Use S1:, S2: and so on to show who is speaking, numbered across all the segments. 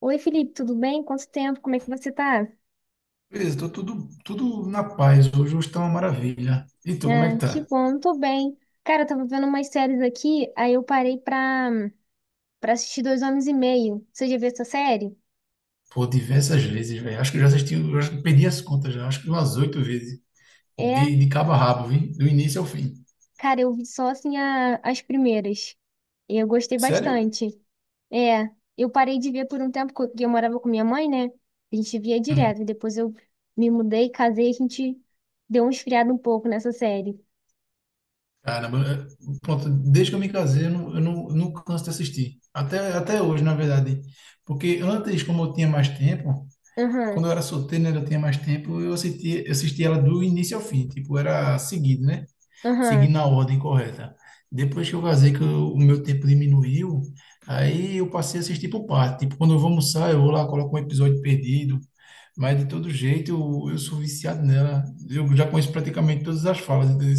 S1: Oi, Felipe, tudo bem? Quanto tempo? Como é que você tá?
S2: Beleza, tô tudo na paz. Hoje tá uma maravilha. E tu, como é
S1: Ah,
S2: que
S1: que
S2: tá?
S1: bom, eu tô bem. Cara, eu tava vendo umas séries aqui, aí eu parei pra assistir Dois Homens e Meio. Você já viu essa série?
S2: Pô, diversas vezes, velho. Acho que eu já assisti, eu acho que perdi as contas já. Acho que umas oito vezes.
S1: É,
S2: De cabo a rabo, viu? Do início ao fim.
S1: cara, eu vi só assim as primeiras. E eu gostei
S2: Sério?
S1: bastante. É, eu parei de ver por um tempo, porque eu morava com minha mãe, né? A gente via
S2: Hum,
S1: direto. Depois eu me mudei, casei, a gente deu um esfriado um pouco nessa série.
S2: caramba, pronto, desde que eu me casei, eu não canso de assistir. Até hoje, na verdade. Porque antes, como eu tinha mais tempo, quando
S1: Aham,
S2: eu era solteiro, né, eu tinha mais tempo, eu assistia ela do início ao fim. Tipo, era seguido, né?
S1: aham,
S2: Seguindo a ordem correta. Depois que eu casei, o meu tempo diminuiu, aí eu passei a assistir por parte. Tipo, quando eu vou almoçar, eu vou lá, coloco um episódio perdido, mas de todo jeito eu sou viciado nela. Eu já conheço praticamente todas as falas, entendeu?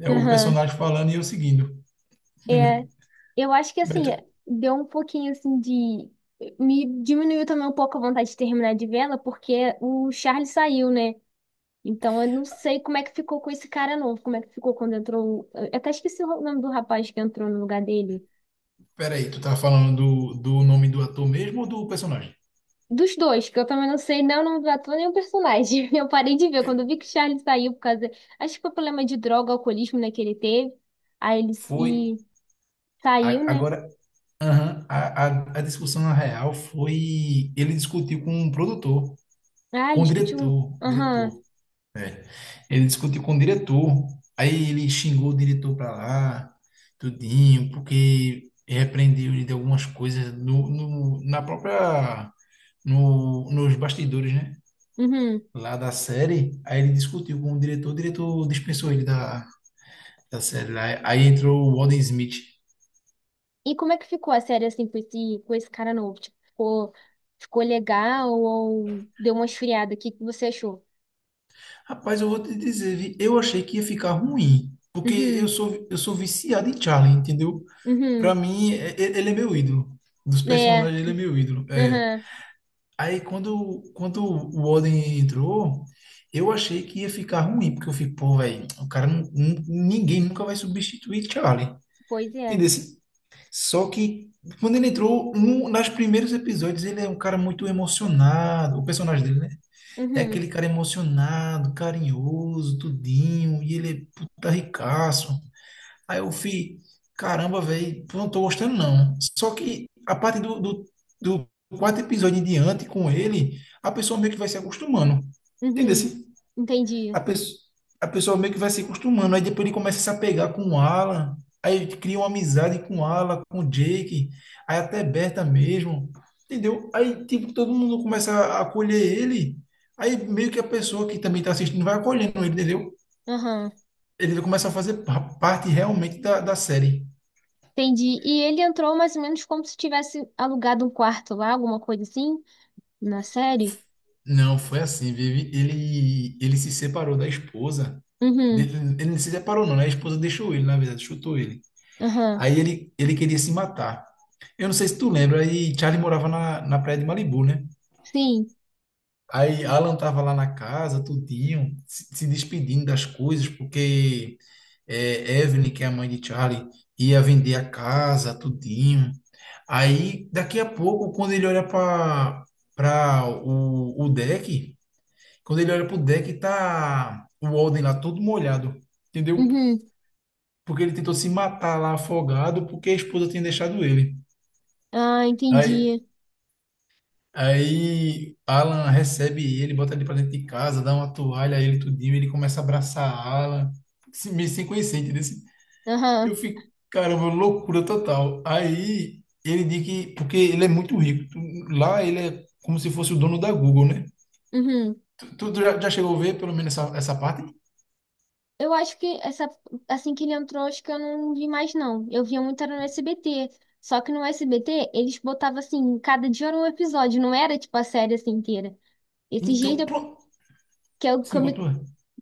S2: É o
S1: aham.
S2: personagem falando e eu seguindo.
S1: É.
S2: Entendeu?
S1: Eu acho que
S2: Mas
S1: assim,
S2: tu-
S1: é, deu um pouquinho assim de. Me diminuiu também um pouco a vontade de terminar de vê-la, porque o Charlie saiu, né? Então eu não sei como é que ficou com esse cara novo, como é que ficou quando entrou. Eu até esqueci o nome do rapaz que entrou no lugar dele.
S2: Peraí, tu tá falando do, nome do ator mesmo ou do personagem?
S1: Dos dois, que eu também não sei nem o nome do ator nem o personagem. Eu parei de ver quando eu vi que o Charlie saiu por causa. Acho que foi problema de droga, alcoolismo, né, que ele teve. Aí ele
S2: Foi.
S1: se... saiu, né?
S2: Agora, aham, a discussão na real foi. Ele discutiu com um produtor.
S1: Ah, ele
S2: Com
S1: discutiu.
S2: o
S1: Aham.
S2: diretor, é. Ele discutiu com o diretor, aí ele xingou o diretor pra lá, tudinho, porque repreendeu ele de algumas coisas na própria, no, nos bastidores, né?
S1: Uhum.
S2: Lá da série, aí ele discutiu com o diretor dispensou ele da série lá. Aí entrou o Alden Smith.
S1: E como é que ficou a série assim com esse cara novo? Tipo, ficou, ficou legal ou deu uma esfriada? O que que você achou?
S2: Rapaz, eu vou te dizer, vi, eu achei que ia ficar ruim, porque eu
S1: Uhum,
S2: sou, eu sou viciado em Charlie, entendeu? Pra
S1: uhum,
S2: mim, e- ele é meu ídolo. Dos
S1: é,
S2: personagens, ele é meu ídolo. É.
S1: aham,
S2: Aí, quando o Odin entrou, eu achei que ia ficar ruim, porque eu fico, pô, velho, o cara, ninguém nunca vai substituir Charlie.
S1: pois é,
S2: Entendeu? Só que, quando ele entrou, no, nos primeiros episódios, ele é um cara muito emocionado. O personagem dele, né? É
S1: uhum,
S2: aquele cara emocionado, carinhoso, tudinho, e ele é puta ricaço. Aí eu fui, caramba, velho, não tô gostando não. Só que a partir do quarto episódio em diante com ele, a pessoa meio que vai se acostumando. Entendeu?
S1: uhum,
S2: Assim?
S1: entendi,
S2: A pessoa, a pessoa meio que vai se acostumando. Aí depois ele começa a se apegar com o Alan. Aí cria uma amizade com o Alan, com o Jake. Aí até Berta mesmo. Entendeu? Aí, tipo, todo mundo começa a acolher ele. Aí meio que a pessoa que também tá assistindo vai acolhendo ele, entendeu?
S1: aham,
S2: Ele começa a fazer parte realmente da série.
S1: entendi. E ele entrou mais ou menos como se tivesse alugado um quarto lá, alguma coisa assim, na série?
S2: Não, foi assim, Vivi. Ele se separou da esposa. Ele,
S1: Uhum,
S2: ele não se separou, não, né? A esposa deixou ele, na verdade, chutou ele.
S1: aham,
S2: Aí ele queria se matar. Eu não sei se tu lembra, aí Charlie morava na praia de Malibu, né?
S1: sim,
S2: Aí Alan tava lá na casa, tudinho, se despedindo das coisas, porque é, Evelyn, que é a mãe de Charlie, ia vender a casa, tudinho. Aí, daqui a pouco, quando ele olha para o deck, quando ele olha pro deck, tá o Walden lá todo molhado, entendeu?
S1: uhum,
S2: Porque ele tentou se matar lá afogado porque a esposa tinha deixado ele.
S1: ah,
S2: Aí,
S1: entendi,
S2: aí Alan recebe ele, bota ele pra dentro de casa, dá uma toalha a ele tudinho, ele começa a abraçar Alan, meio sem conhecer, entendeu? Assim, eu
S1: aham,
S2: fico, caramba, loucura total. Aí ele diz que, porque ele é muito rico, lá ele é como se fosse o dono da Google, né?
S1: uhum.
S2: Tu já, já chegou a ver pelo menos essa parte?
S1: Eu acho que essa, assim que ele entrou, acho que eu não vi mais, não. Eu via muito era no SBT. Só que no SBT, eles botavam assim, cada dia era um episódio, não era tipo a série assim inteira. Esses dias
S2: Então,
S1: eu-
S2: pronto,
S1: que eu, que
S2: sim,
S1: eu me,
S2: continua.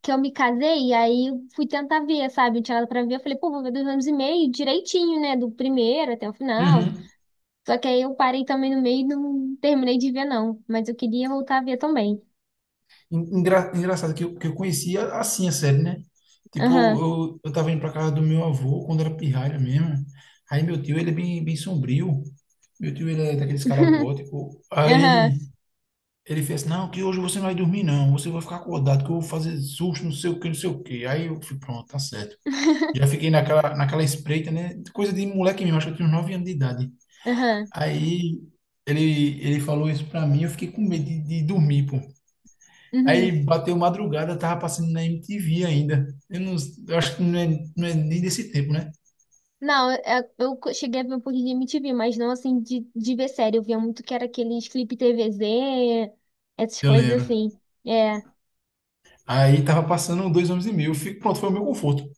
S1: que eu me casei, e aí eu fui tentar ver, sabe? Eu tinha nada pra ver, eu falei, pô, vou ver 2 anos e meio direitinho, né? Do primeiro até o final.
S2: Uhum.
S1: Só que aí eu parei também no meio e não terminei de ver, não. Mas eu queria voltar a ver também.
S2: Engraçado que eu conhecia assim a série, né? Tipo,
S1: Aham.
S2: eu tava indo pra casa do meu avô quando era pirralha mesmo. Aí meu tio, ele é bem sombrio. Meu tio, ele é daqueles caras góticos.
S1: Aham.
S2: Aí ele fez assim, não, que hoje você não vai dormir não. Você vai ficar acordado que eu vou fazer susto, não sei o que, não sei o que. Aí eu fui, pronto, tá certo. Já fiquei naquela espreita, né? Coisa de moleque mesmo, acho que eu tinha uns 9 anos de idade.
S1: Aham.
S2: Aí ele falou isso pra mim, eu fiquei com medo de dormir, pô.
S1: Uhum.
S2: Aí bateu madrugada, tava passando na MTV ainda. Eu, não, eu acho que não é, não é nem desse tempo, né?
S1: Não, eu cheguei a ver um pouquinho de MTV, mas não assim de ver série. Eu via muito que era aqueles Flip TVZ, essas
S2: Eu
S1: coisas
S2: lembro.
S1: assim. É,
S2: Aí tava passando dois homens e meio. Eu fico, pronto, foi o meu conforto.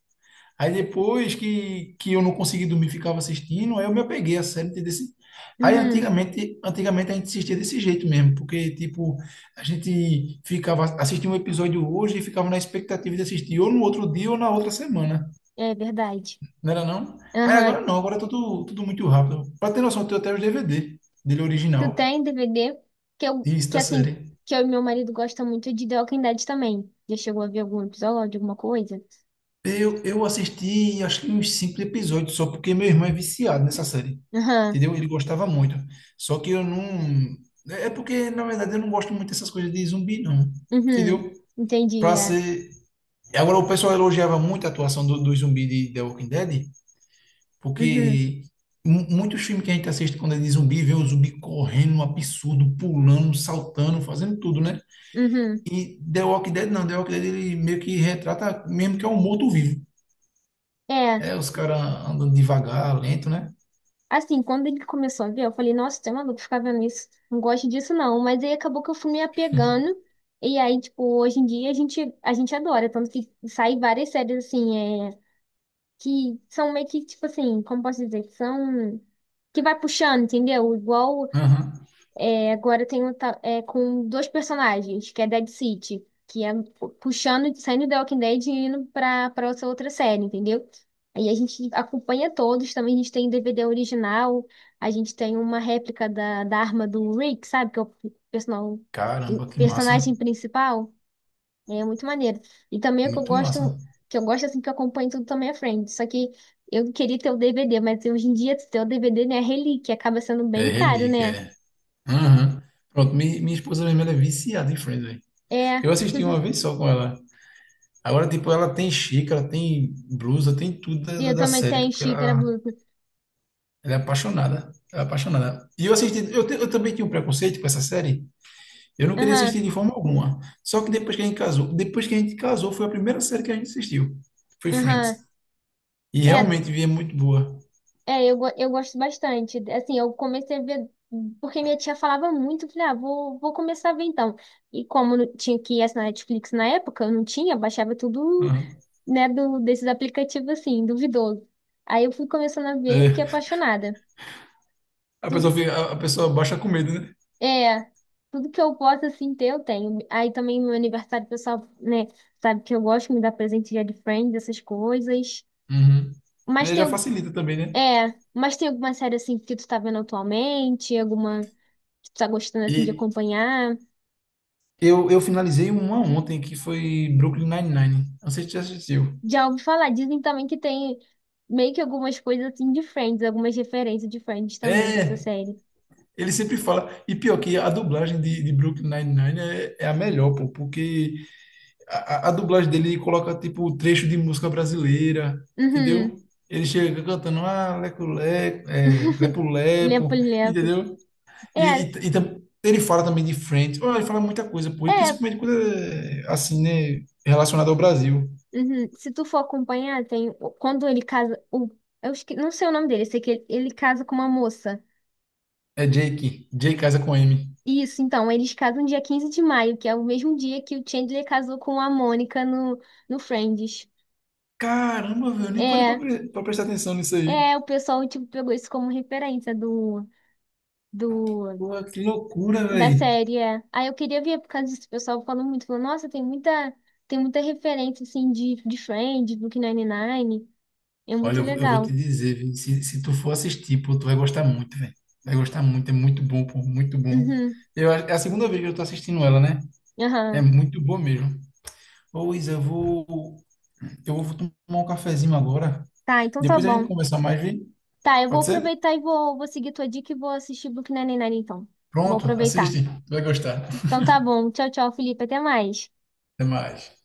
S2: Aí depois que eu não consegui dormir, ficava assistindo, aí eu me apeguei a série desse. Aí
S1: uhum,
S2: antigamente a gente assistia desse jeito mesmo, porque tipo, a gente ficava assistia um episódio hoje e ficava na expectativa de assistir ou no outro dia ou na outra semana.
S1: é verdade.
S2: Não era não? Aí agora
S1: Aham.
S2: não, agora é tudo muito rápido. Pra ter noção, eu tenho até os DVD dele
S1: Tu
S2: original,
S1: tem DVD que eu,
S2: isso,
S1: que
S2: da
S1: assim,
S2: série.
S1: que eu e meu marido gosta muito de The Walking Dead também. Já chegou a ver algum episódio, alguma coisa?
S2: Eu assisti, acho que uns cinco episódios só, porque meu irmão é viciado nessa série.
S1: Aham,
S2: Entendeu? Ele gostava muito. Só que eu não... É porque, na verdade, eu não gosto muito dessas coisas de zumbi, não.
S1: uhum,
S2: Entendeu?
S1: entendi,
S2: Pra
S1: é.
S2: ser... Agora, o pessoal elogiava muito a atuação do zumbi de The Walking Dead,
S1: Uhum,
S2: porque muitos filmes que a gente assiste quando é de zumbi, vê o zumbi correndo, um absurdo, pulando, saltando, fazendo tudo, né?
S1: uhum.
S2: E The Walking Dead não, The Walking Dead ele meio que retrata mesmo que é um morto-vivo.
S1: É.
S2: É, os caras andando devagar, lento, né?
S1: Assim, quando ele começou a ver, eu falei, nossa, você é maluco ficar vendo isso. Não gosto disso, não. Mas aí acabou que eu fui me apegando. E aí, tipo, hoje em dia a gente adora. Tanto que sai várias séries, assim, é, que são meio que, tipo assim, como posso dizer? Que são. Que vai puxando, entendeu? Igual
S2: Aham.
S1: agora tem é, com dois personagens, que é Dead City, que é puxando, saindo do Walking Dead e indo pra essa outra série, entendeu? Aí a gente acompanha todos, também a gente tem DVD original, a gente tem uma réplica da arma do Rick, sabe? Que é o personal-
S2: Caramba, que massa.
S1: personagem principal. É muito maneiro. E também o que eu
S2: Muito massa.
S1: gosto, assim que eu acompanho tudo também é Friends. Só que eu queria ter o DVD, mas hoje em dia ter o DVD, né, é relíquia, acaba sendo
S2: É
S1: bem caro,
S2: relíquia,
S1: né?
S2: é. Aham. Pronto, minha esposa mesmo, ela é viciada em Friends, velho.
S1: É.
S2: Eu assisti uma vez só com ela. Agora, tipo, ela tem xícara, tem blusa, tem tudo
S1: E eu
S2: da
S1: também
S2: série,
S1: tenho
S2: porque
S1: xícara
S2: ela...
S1: Bluetooth.
S2: Ela é apaixonada. Ela é apaixonada. E eu assisti, eu também tinha um preconceito com essa série. Eu não queria
S1: Aham,
S2: assistir de forma alguma. Só que depois que a gente casou, foi a primeira série que a gente assistiu. Foi Friends.
S1: aham.
S2: E
S1: É,
S2: realmente vi, é muito boa.
S1: é eu gosto bastante. Assim, eu comecei a ver, porque minha tia falava muito, eu falei, ah, vou começar a ver então. E como não tinha que ir essa Netflix na época, eu não tinha, baixava tudo,
S2: Aham.
S1: né, desses aplicativos assim, duvidoso. Aí eu fui começando a ver e fiquei
S2: É,
S1: apaixonada. Tudo,
S2: a pessoa baixa com medo, né?
S1: é, tudo que eu posso, assim, ter, eu tenho. Aí também no meu aniversário, o pessoal, né, sabe que eu gosto, me dá presente de Friends, essas coisas.
S2: Uhum.
S1: Mas
S2: É,
S1: tem
S2: já facilita também, né?
S1: é, mas tem alguma série assim que tu tá vendo atualmente? Alguma que tu tá gostando assim de
S2: E
S1: acompanhar?
S2: eu, eu finalizei uma ontem que foi Brooklyn Nine-Nine. Não sei se você já assistiu.
S1: Já ouvi falar, dizem também que tem meio que algumas coisas assim de Friends, algumas referências de Friends também dessa
S2: É,
S1: série.
S2: ele sempre fala. E pior que a dublagem de Brooklyn Nine-Nine é a melhor, pô, porque a dublagem dele coloca tipo trecho de música brasileira, entendeu?
S1: Uhum,
S2: Ele chega cantando ah, leco, leco, é, lepo,
S1: lepo,
S2: lepo,
S1: lepo.
S2: entendeu?
S1: É,
S2: Ele fala também de Friends. Oh, ele fala muita coisa, pô, e
S1: é,
S2: principalmente quando é assim, né, relacionado ao Brasil.
S1: uhum. Se tu for acompanhar, tem quando ele casa, o, não sei o nome dele, eu sei que ele casa com uma moça.
S2: É Jake, Jake casa com M.
S1: Isso, então, eles casam dia 15 de maio, que é o mesmo dia que o Chandler casou com a Mônica no, no Friends.
S2: Caramba, velho, eu nem parei
S1: É,
S2: pra prestar atenção nisso aí.
S1: é, o pessoal, tipo, pegou isso como referência do,
S2: Pô, que loucura,
S1: da
S2: velho.
S1: série. É. Aí eu queria ver por causa disso. O pessoal falou muito, falou, nossa, tem muita referência, assim, de Friends, Brooklyn Nine-Nine. É
S2: Olha,
S1: muito
S2: eu vou te
S1: legal.
S2: dizer, vi, se tu for assistir, pô, tu vai gostar muito, velho. Vai gostar muito, é muito bom, pô, muito bom.
S1: Uhum,
S2: Eu, é a segunda vez que eu tô assistindo ela, né? É
S1: aham.
S2: muito boa mesmo. Ô, Isa, eu vou tomar um cafezinho agora.
S1: Tá, então tá
S2: Depois a gente
S1: bom.
S2: conversar mais, vi?
S1: Tá, eu vou
S2: Pode ser?
S1: aproveitar e vou seguir tua dica e vou assistir Brooklyn Nine-Nine, então. Vou
S2: Pronto,
S1: aproveitar.
S2: assiste. Tu vai gostar.
S1: Então tá bom. Tchau, tchau, Felipe. Até mais.
S2: Até mais.